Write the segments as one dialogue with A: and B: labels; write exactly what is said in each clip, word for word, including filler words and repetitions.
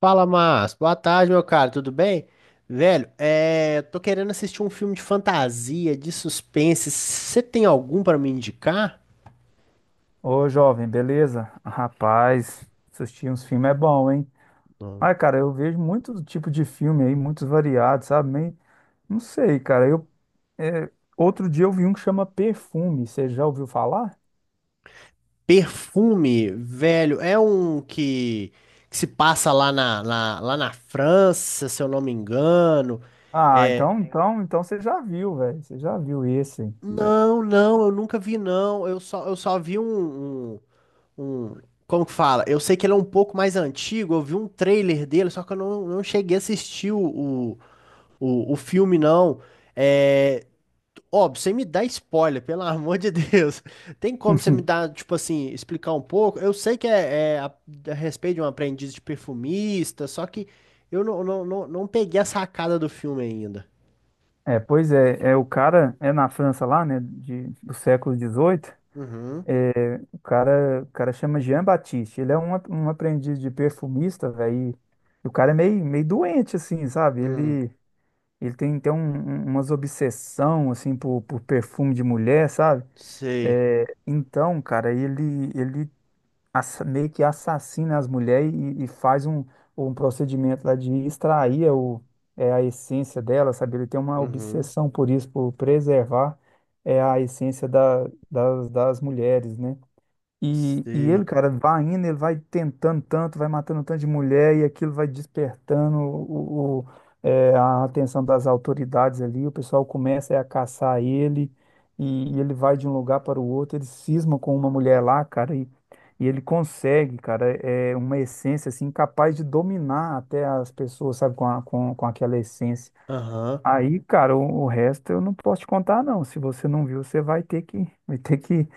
A: Fala, Márcio. Boa tarde, meu cara. Tudo bem? Velho, é... tô querendo assistir um filme de fantasia, de suspense. Você tem algum pra me indicar?
B: Ô, jovem, beleza? Rapaz, assistir uns filmes é bom, hein?
A: Não.
B: Ai, cara, eu vejo muitos tipo de filme aí, muitos variados, sabe? Nem- Não sei, cara. Eu, é, outro dia eu vi um que chama Perfume. Você já ouviu falar?
A: Perfume, velho, é um que, que se passa lá na, na- lá na França, se eu não me engano.
B: Ah,
A: É...
B: então, então, então você já viu, velho. Você já viu esse.
A: Não, não, eu nunca vi, não. Eu só, eu só vi um, um, um- Como que fala? Eu sei que ele é um pouco mais antigo. Eu vi um trailer dele, só que eu não, não cheguei a assistir O, o filme não. É, óbvio, sem me dar spoiler, pelo amor de Deus. Tem como você me dar, tipo assim, explicar um pouco? Eu sei que é, é a, a respeito de um aprendiz de perfumista, só que eu não, não, não, não peguei a sacada do filme ainda.
B: É, pois é, é, o cara é na França lá, né, de, do século dezoito.
A: Uhum.
B: É, o cara, o cara chama Jean Baptiste. Ele é um, a- um aprendiz de perfumista, velho. E o cara é meio, meio doente, assim, sabe?
A: Hum,
B: Ele Ele tem então um- um- umas obsessão assim por, por perfume de mulher, sabe?
A: sei.
B: É, então, cara, ele ele assa- meio que assassina as mulheres e, e faz um, um procedimento lá de extrair o, é, a essência dela, sabe? Ele tem uma
A: Uhum.
B: obsessão por isso, por preservar é, a essência da, das, das mulheres, né? E, e ele,
A: Sei.
B: cara, vai indo, ele vai tentando tanto, vai matando um tanto de mulher, e aquilo vai despertando o, o- é, a atenção das autoridades ali. O pessoal começa é, a caçar ele, e, e ele vai de um lugar para o outro. Ele cisma com uma mulher lá, cara, e, e ele consegue, cara, é é uma essência assim, capaz de dominar até as pessoas, sabe, com, a- com, com aquela essência.
A: Aham.
B: Aí, cara, o, o resto eu não posso te contar, não. Se você não viu, você vai ter que, vai ter que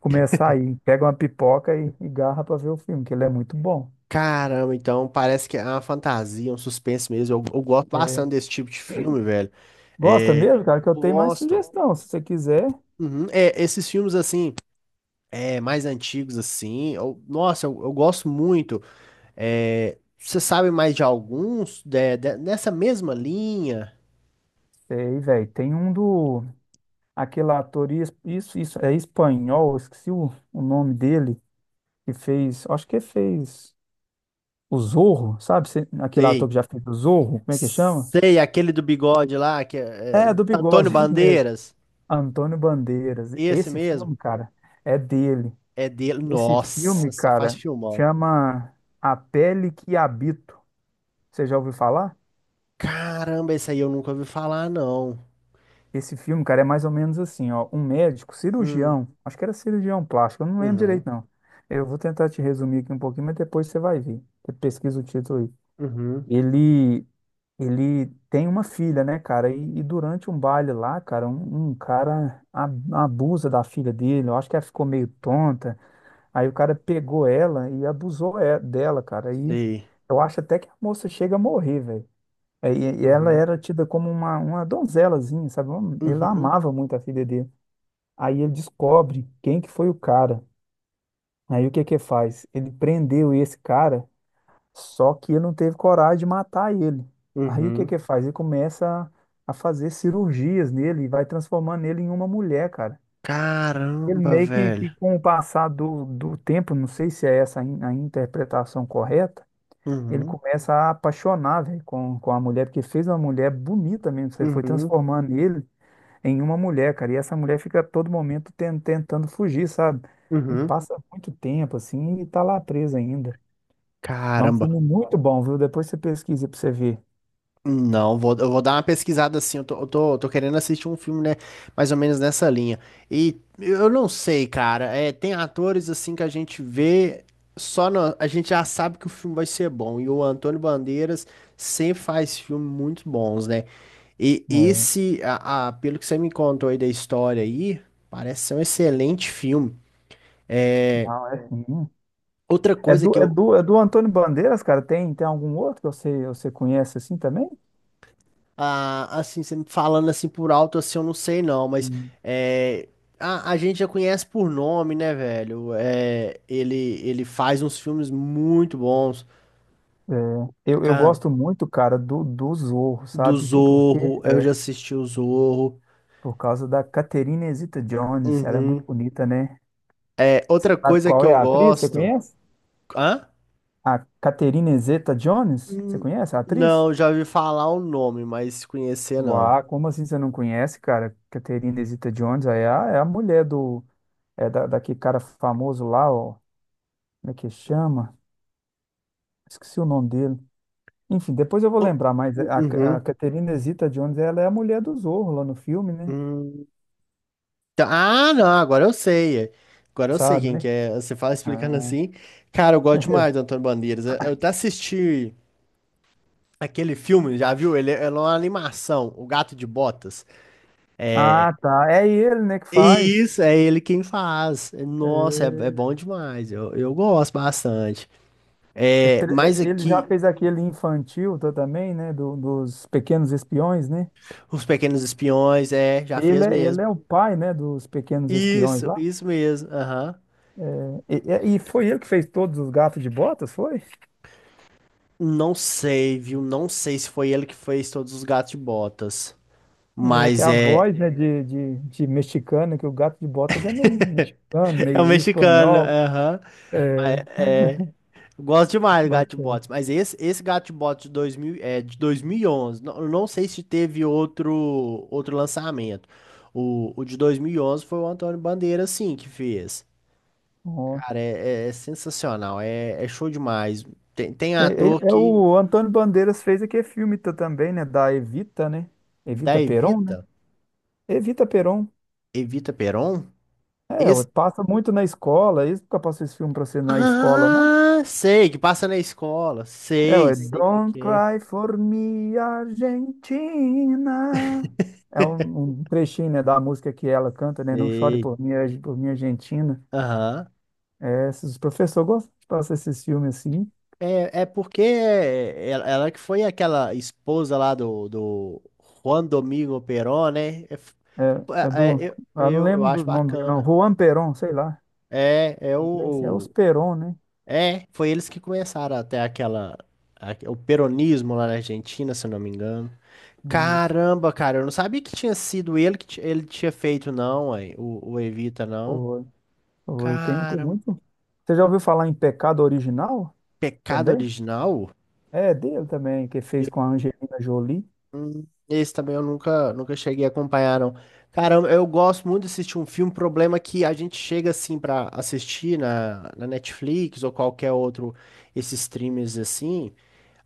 B: começar aí. Pega uma pipoca e, e garra pra ver o filme, que ele é muito bom.
A: Caramba, então parece que é uma fantasia, um suspense mesmo. Eu, eu gosto bastante
B: É,
A: desse tipo de filme, velho.
B: gosta
A: É,
B: mesmo, cara, que eu tenho mais
A: gosto.
B: sugestão. Se você quiser,
A: Uhum. É, esses filmes assim. É, mais antigos assim. Eu- nossa, eu, eu gosto muito. É, você sabe mais de alguns de- de- nessa mesma linha?
B: sei, velho. Tem um do, aquele ator, is- isso, isso, é espanhol, esqueci o, o nome dele, que fez, acho que fez o Zorro, sabe? Cê- Aquele ator
A: Sei.
B: que já fez o Zorro, como é que chama?
A: Sei, aquele do bigode lá, que é, é,
B: É, do
A: Antônio
B: bigode, esse mesmo.
A: Bandeiras.
B: Antônio Bandeiras.
A: Esse
B: Esse
A: mesmo.
B: filme, cara, é dele.
A: É dele.
B: Esse
A: Nossa,
B: filme,
A: só faz
B: cara,
A: filmão.
B: chama A Pele que Habito. Você já ouviu falar?
A: Caramba, esse aí eu nunca ouvi falar, não.
B: Esse filme, cara, é mais ou menos assim, ó, um médico,
A: Hum,
B: cirurgião, acho que era cirurgião plástico, eu não lembro
A: uhum,
B: direito, não. Eu vou tentar te resumir aqui um pouquinho, mas depois você vai ver. Você pesquisa o título aí.
A: uhum,
B: Ele, ele tem uma filha, né, cara? E, e durante um baile lá, cara, um, um cara a- abusa da filha dele. Eu acho que ela ficou meio tonta. Aí o cara pegou ela e abusou é- dela, cara. Aí
A: sei.
B: eu acho até que a moça chega a morrer, velho. É, E, e ela
A: Uhum,
B: era tida como uma, uma donzelazinha, sabe? Um- Ele
A: uhum,
B: amava muito a filha dele. Aí ele descobre quem que foi o cara. Aí o que que faz? Ele prendeu esse cara, só que ele não teve coragem de matar ele. Aí o que
A: uhum.
B: que faz? Ele começa a, a fazer cirurgias nele e vai transformando ele em uma mulher, cara. Ele
A: Caramba,
B: meio que,
A: velho.
B: que com o passar do, do tempo, não sei se é essa a in- a interpretação correta, ele
A: Uhum,
B: começa a apaixonar, velho, com, com a mulher, porque fez uma mulher bonita mesmo, você foi
A: uhum,
B: transformando ele em uma mulher, cara, e essa mulher fica a todo momento ten- tentando fugir, sabe? E
A: uhum.
B: passa muito tempo, assim, e tá lá presa ainda. Mas É um
A: Caramba.
B: filme muito bom, viu? Depois você pesquisa pra você ver.
A: Não, vou, eu vou dar uma pesquisada assim. Eu tô, eu tô, tô querendo assistir um filme, né? Mais ou menos nessa linha. E eu não sei, cara. É, tem atores assim que a gente vê, só na- a gente já sabe que o filme vai ser bom. E o Antônio Bandeiras sempre faz filmes muito bons, né? E
B: É,
A: esse, a, a- pelo que você me contou aí da história aí, parece ser um excelente filme.
B: não, é sim.
A: Outra
B: É
A: coisa
B: do,
A: que
B: é
A: eu,
B: do, é do Antônio Bandeiras, cara? Tem, tem algum outro que você, você conhece assim também?
A: Ah, assim, você me falando assim por alto, assim, eu não sei não, mas é, a, a gente já conhece por nome, né, velho? É, ele, ele faz uns filmes muito bons.
B: É, eu, eu
A: Cara,
B: gosto muito, cara, do, do Zorro,
A: do
B: sabe? Por, por quê?
A: Zorro, eu
B: É,
A: já assisti o Zorro.
B: por causa da Catherine Zeta-Jones. Ela é muito
A: Uhum.
B: bonita, né?
A: É,
B: Você
A: outra
B: sabe
A: coisa que
B: qual é
A: eu
B: a atriz? Você
A: gosto.
B: conhece?
A: Hã?
B: A Catherine Zeta-Jones? Você
A: Hum,
B: conhece a atriz?
A: Não, já ouvi falar o nome, mas conhecer não.
B: Uau, como assim você não conhece, cara? Catherine Zeta-Jones é a, é a mulher do... É da, daquele cara famoso lá, ó. Como é que chama? Esqueci o nome dele. Enfim, depois eu vou
A: O-
B: lembrar, mas a, a
A: Uhum.
B: Catherine Zeta-Jones, ela é a mulher do Zorro lá no filme, né?
A: Hum. Tá- Ah, não, agora eu sei. Agora eu sei
B: Sabe,
A: quem que
B: né?
A: é. Você fala explicando
B: Ah,
A: assim. Cara, eu gosto demais do Antônio Bandeiras. Eu, eu até assisti aquele filme, já viu? Ele, é ele é uma animação, O Gato de Botas. É,
B: Ah, tá. É ele, né, que faz.
A: isso, é ele quem faz. Nossa, é, é
B: É,
A: bom demais. Eu, eu gosto bastante.
B: é
A: É,
B: tre- é,
A: mas
B: ele já
A: aqui,
B: fez aquele infantil tá, também, né, do- dos Pequenos Espiões, né?
A: Os Pequenos Espiões, é, já
B: Ele
A: fez
B: é, ele
A: mesmo.
B: é o pai, né, dos Pequenos Espiões
A: Isso,
B: lá.
A: isso mesmo. Aham.
B: É, e, e foi ele que fez todos os Gatos de Botas, foi?
A: Não sei, viu? Não sei se foi ele que fez todos os Gatos de Botas.
B: É, que é
A: Mas
B: a
A: é.
B: voz, né, de, de, de mexicano, que o Gato de Botas é meio mexicano,
A: É um
B: meio
A: mexicano,
B: espanhol.
A: aham.
B: É,
A: Gosto demais do Gato de
B: bacana.
A: Botas, mas esse, esse Gato de Botas de dois mil, é, de dois mil e onze, não, eu não sei se teve outro, outro lançamento. O, o de dois mil e onze foi o Antônio Bandeira, sim, que fez.
B: Ó.
A: Cara, é, é- é sensacional, é, é show demais. Tem, tem
B: É, é-
A: ator
B: é
A: que,
B: o Antônio Bandeiras fez aquele filme tá, também, né, da Evita, né?
A: da
B: Evita Peron, né?
A: Evita,
B: Evita Peron.
A: Evita Peron,
B: É, ué,
A: esse...
B: passa muito na escola. é Isso nunca passou esse filme pra você na escola, não?
A: Ah, sei, que passa na escola,
B: É,
A: sei,
B: ué,
A: sei qual que
B: Don't
A: é,
B: Cry for Me, Argentina. É um, um trechinho, né, da música que ela canta, né? Não chore
A: sei.
B: por mim, Arge- por mim, Argentina.
A: Aham.
B: É, esses professores gostam de passar esses filmes assim.
A: É, é porque é, ela, ela que foi aquela esposa lá do, do Juan Domingo Perón, né? É f-
B: É, é do.
A: é- é- eu,
B: Eu não
A: eu, eu
B: lembro
A: acho
B: do nome dele, não.
A: bacana.
B: Juan Perón, sei lá.
A: É, é o,
B: É os
A: o-
B: Perón, né?
A: É, foi eles que começaram até aquela a- o peronismo lá na Argentina, se eu não me engano.
B: Isso.
A: Caramba, cara, eu não sabia que tinha sido ele que ti- ele tinha feito, não, ué, o, o Evita, não.
B: Foi. Foi. Tem, tem
A: Caramba,
B: muito. Você já ouviu falar em Pecado Original
A: pecado
B: também?
A: original?
B: É dele também, que fez com a Angelina Jolie.
A: Esse também eu nunca, nunca cheguei a acompanhar, não. Cara, eu eu gosto muito de assistir um filme. Problema é que a gente chega assim pra assistir na, na Netflix ou qualquer outro, esses streams assim.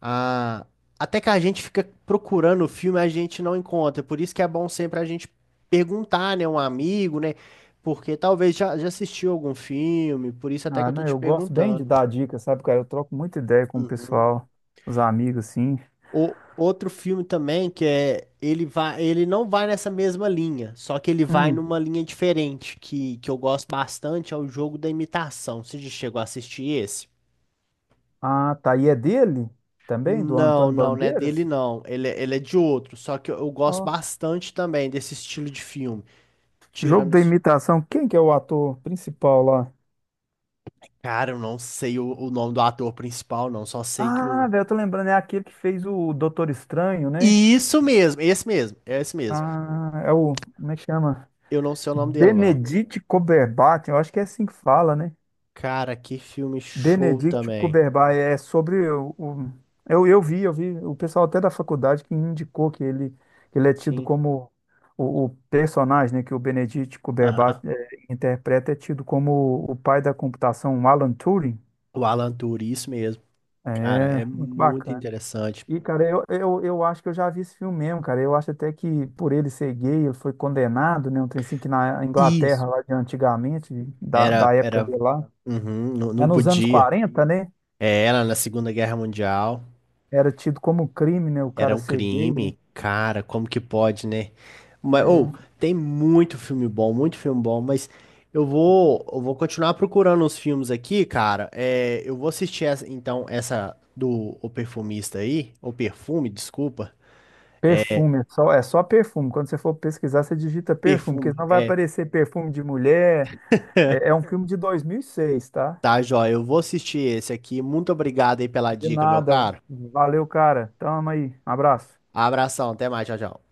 A: A... Até que a gente fica procurando o filme, a gente não encontra. Por isso que é bom sempre a gente perguntar, né, um amigo, né? Porque talvez já, já assistiu algum filme, por isso até que
B: Ah,
A: eu tô
B: não,
A: te
B: eu gosto bem de
A: perguntando.
B: dar dicas, sabe, cara? Eu troco muita ideia com o
A: Uhum.
B: pessoal, os amigos, assim.
A: O outro filme também que é ele vai, ele não vai nessa mesma linha, só que ele vai
B: Hum.
A: numa linha diferente que, que eu gosto bastante, é o Jogo da Imitação. Você já chegou a assistir esse?
B: Ah, tá. E é dele também, do
A: Não,
B: Antônio
A: não, não é dele
B: Bandeiras?
A: não. Ele, é- ele é de outro, só que eu, eu gosto
B: Ó.
A: bastante também desse estilo de filme.
B: Jogo
A: Tirando
B: da
A: os...
B: Imitação. Quem que é o ator principal lá?
A: Cara, eu não sei o, o nome do ator principal, não, só sei que
B: Ah,
A: o
B: velho, eu tô lembrando, é aquele que fez o Doutor Estranho, né?
A: Isso mesmo, esse mesmo, é esse mesmo.
B: Ah, é o. Como é que chama?
A: Eu não sei o nome dele não.
B: Benedict Cumberbatch, eu acho que é assim que fala, né?
A: Cara, que filme show
B: Benedict
A: também.
B: Cumberbatch é sobre o, o- eu, eu vi, eu vi o pessoal até da faculdade que indicou que ele, que ele, é tido
A: Sim.
B: como o, o personagem, né, que o Benedict
A: Aham.
B: Cumberbatch é, interpreta é tido como o pai da computação, um Alan Turing.
A: O Alan Turing, isso mesmo. Cara, é
B: É, muito
A: muito
B: bacana.
A: interessante.
B: E, cara, eu, eu, eu acho que eu já vi esse filme mesmo, cara. Eu acho até que por ele ser gay, ele foi condenado, né? Um trem assim que na Inglaterra,
A: Isso.
B: lá de antigamente, da, da
A: Era,
B: época
A: era,
B: dele lá.
A: uhum, não,
B: É
A: não
B: nos anos
A: podia.
B: quarenta né?
A: É, era na Segunda Guerra Mundial.
B: Era tido como crime, né? O
A: Era
B: cara
A: um
B: ser gay, né?
A: crime. Cara, como que pode, né? Mas, ou,
B: É,
A: tem muito filme bom, muito filme bom, mas eu vou, eu vou continuar procurando os filmes aqui, cara. É, eu vou assistir, essa, então, essa do O Perfumista aí, O Perfume, desculpa.
B: Perfume, é só, é só perfume. Quando você for pesquisar, você digita perfume, porque
A: Perfume.
B: senão vai
A: É,
B: aparecer perfume de mulher. É, é um filme de dois mil e seis, tá?
A: tá, joia. Eu vou assistir esse aqui. Muito obrigado aí pela
B: De
A: dica, meu
B: nada.
A: caro.
B: Valeu, cara. Tamo aí. Um abraço.
A: Abração, até mais, tchau, tchau.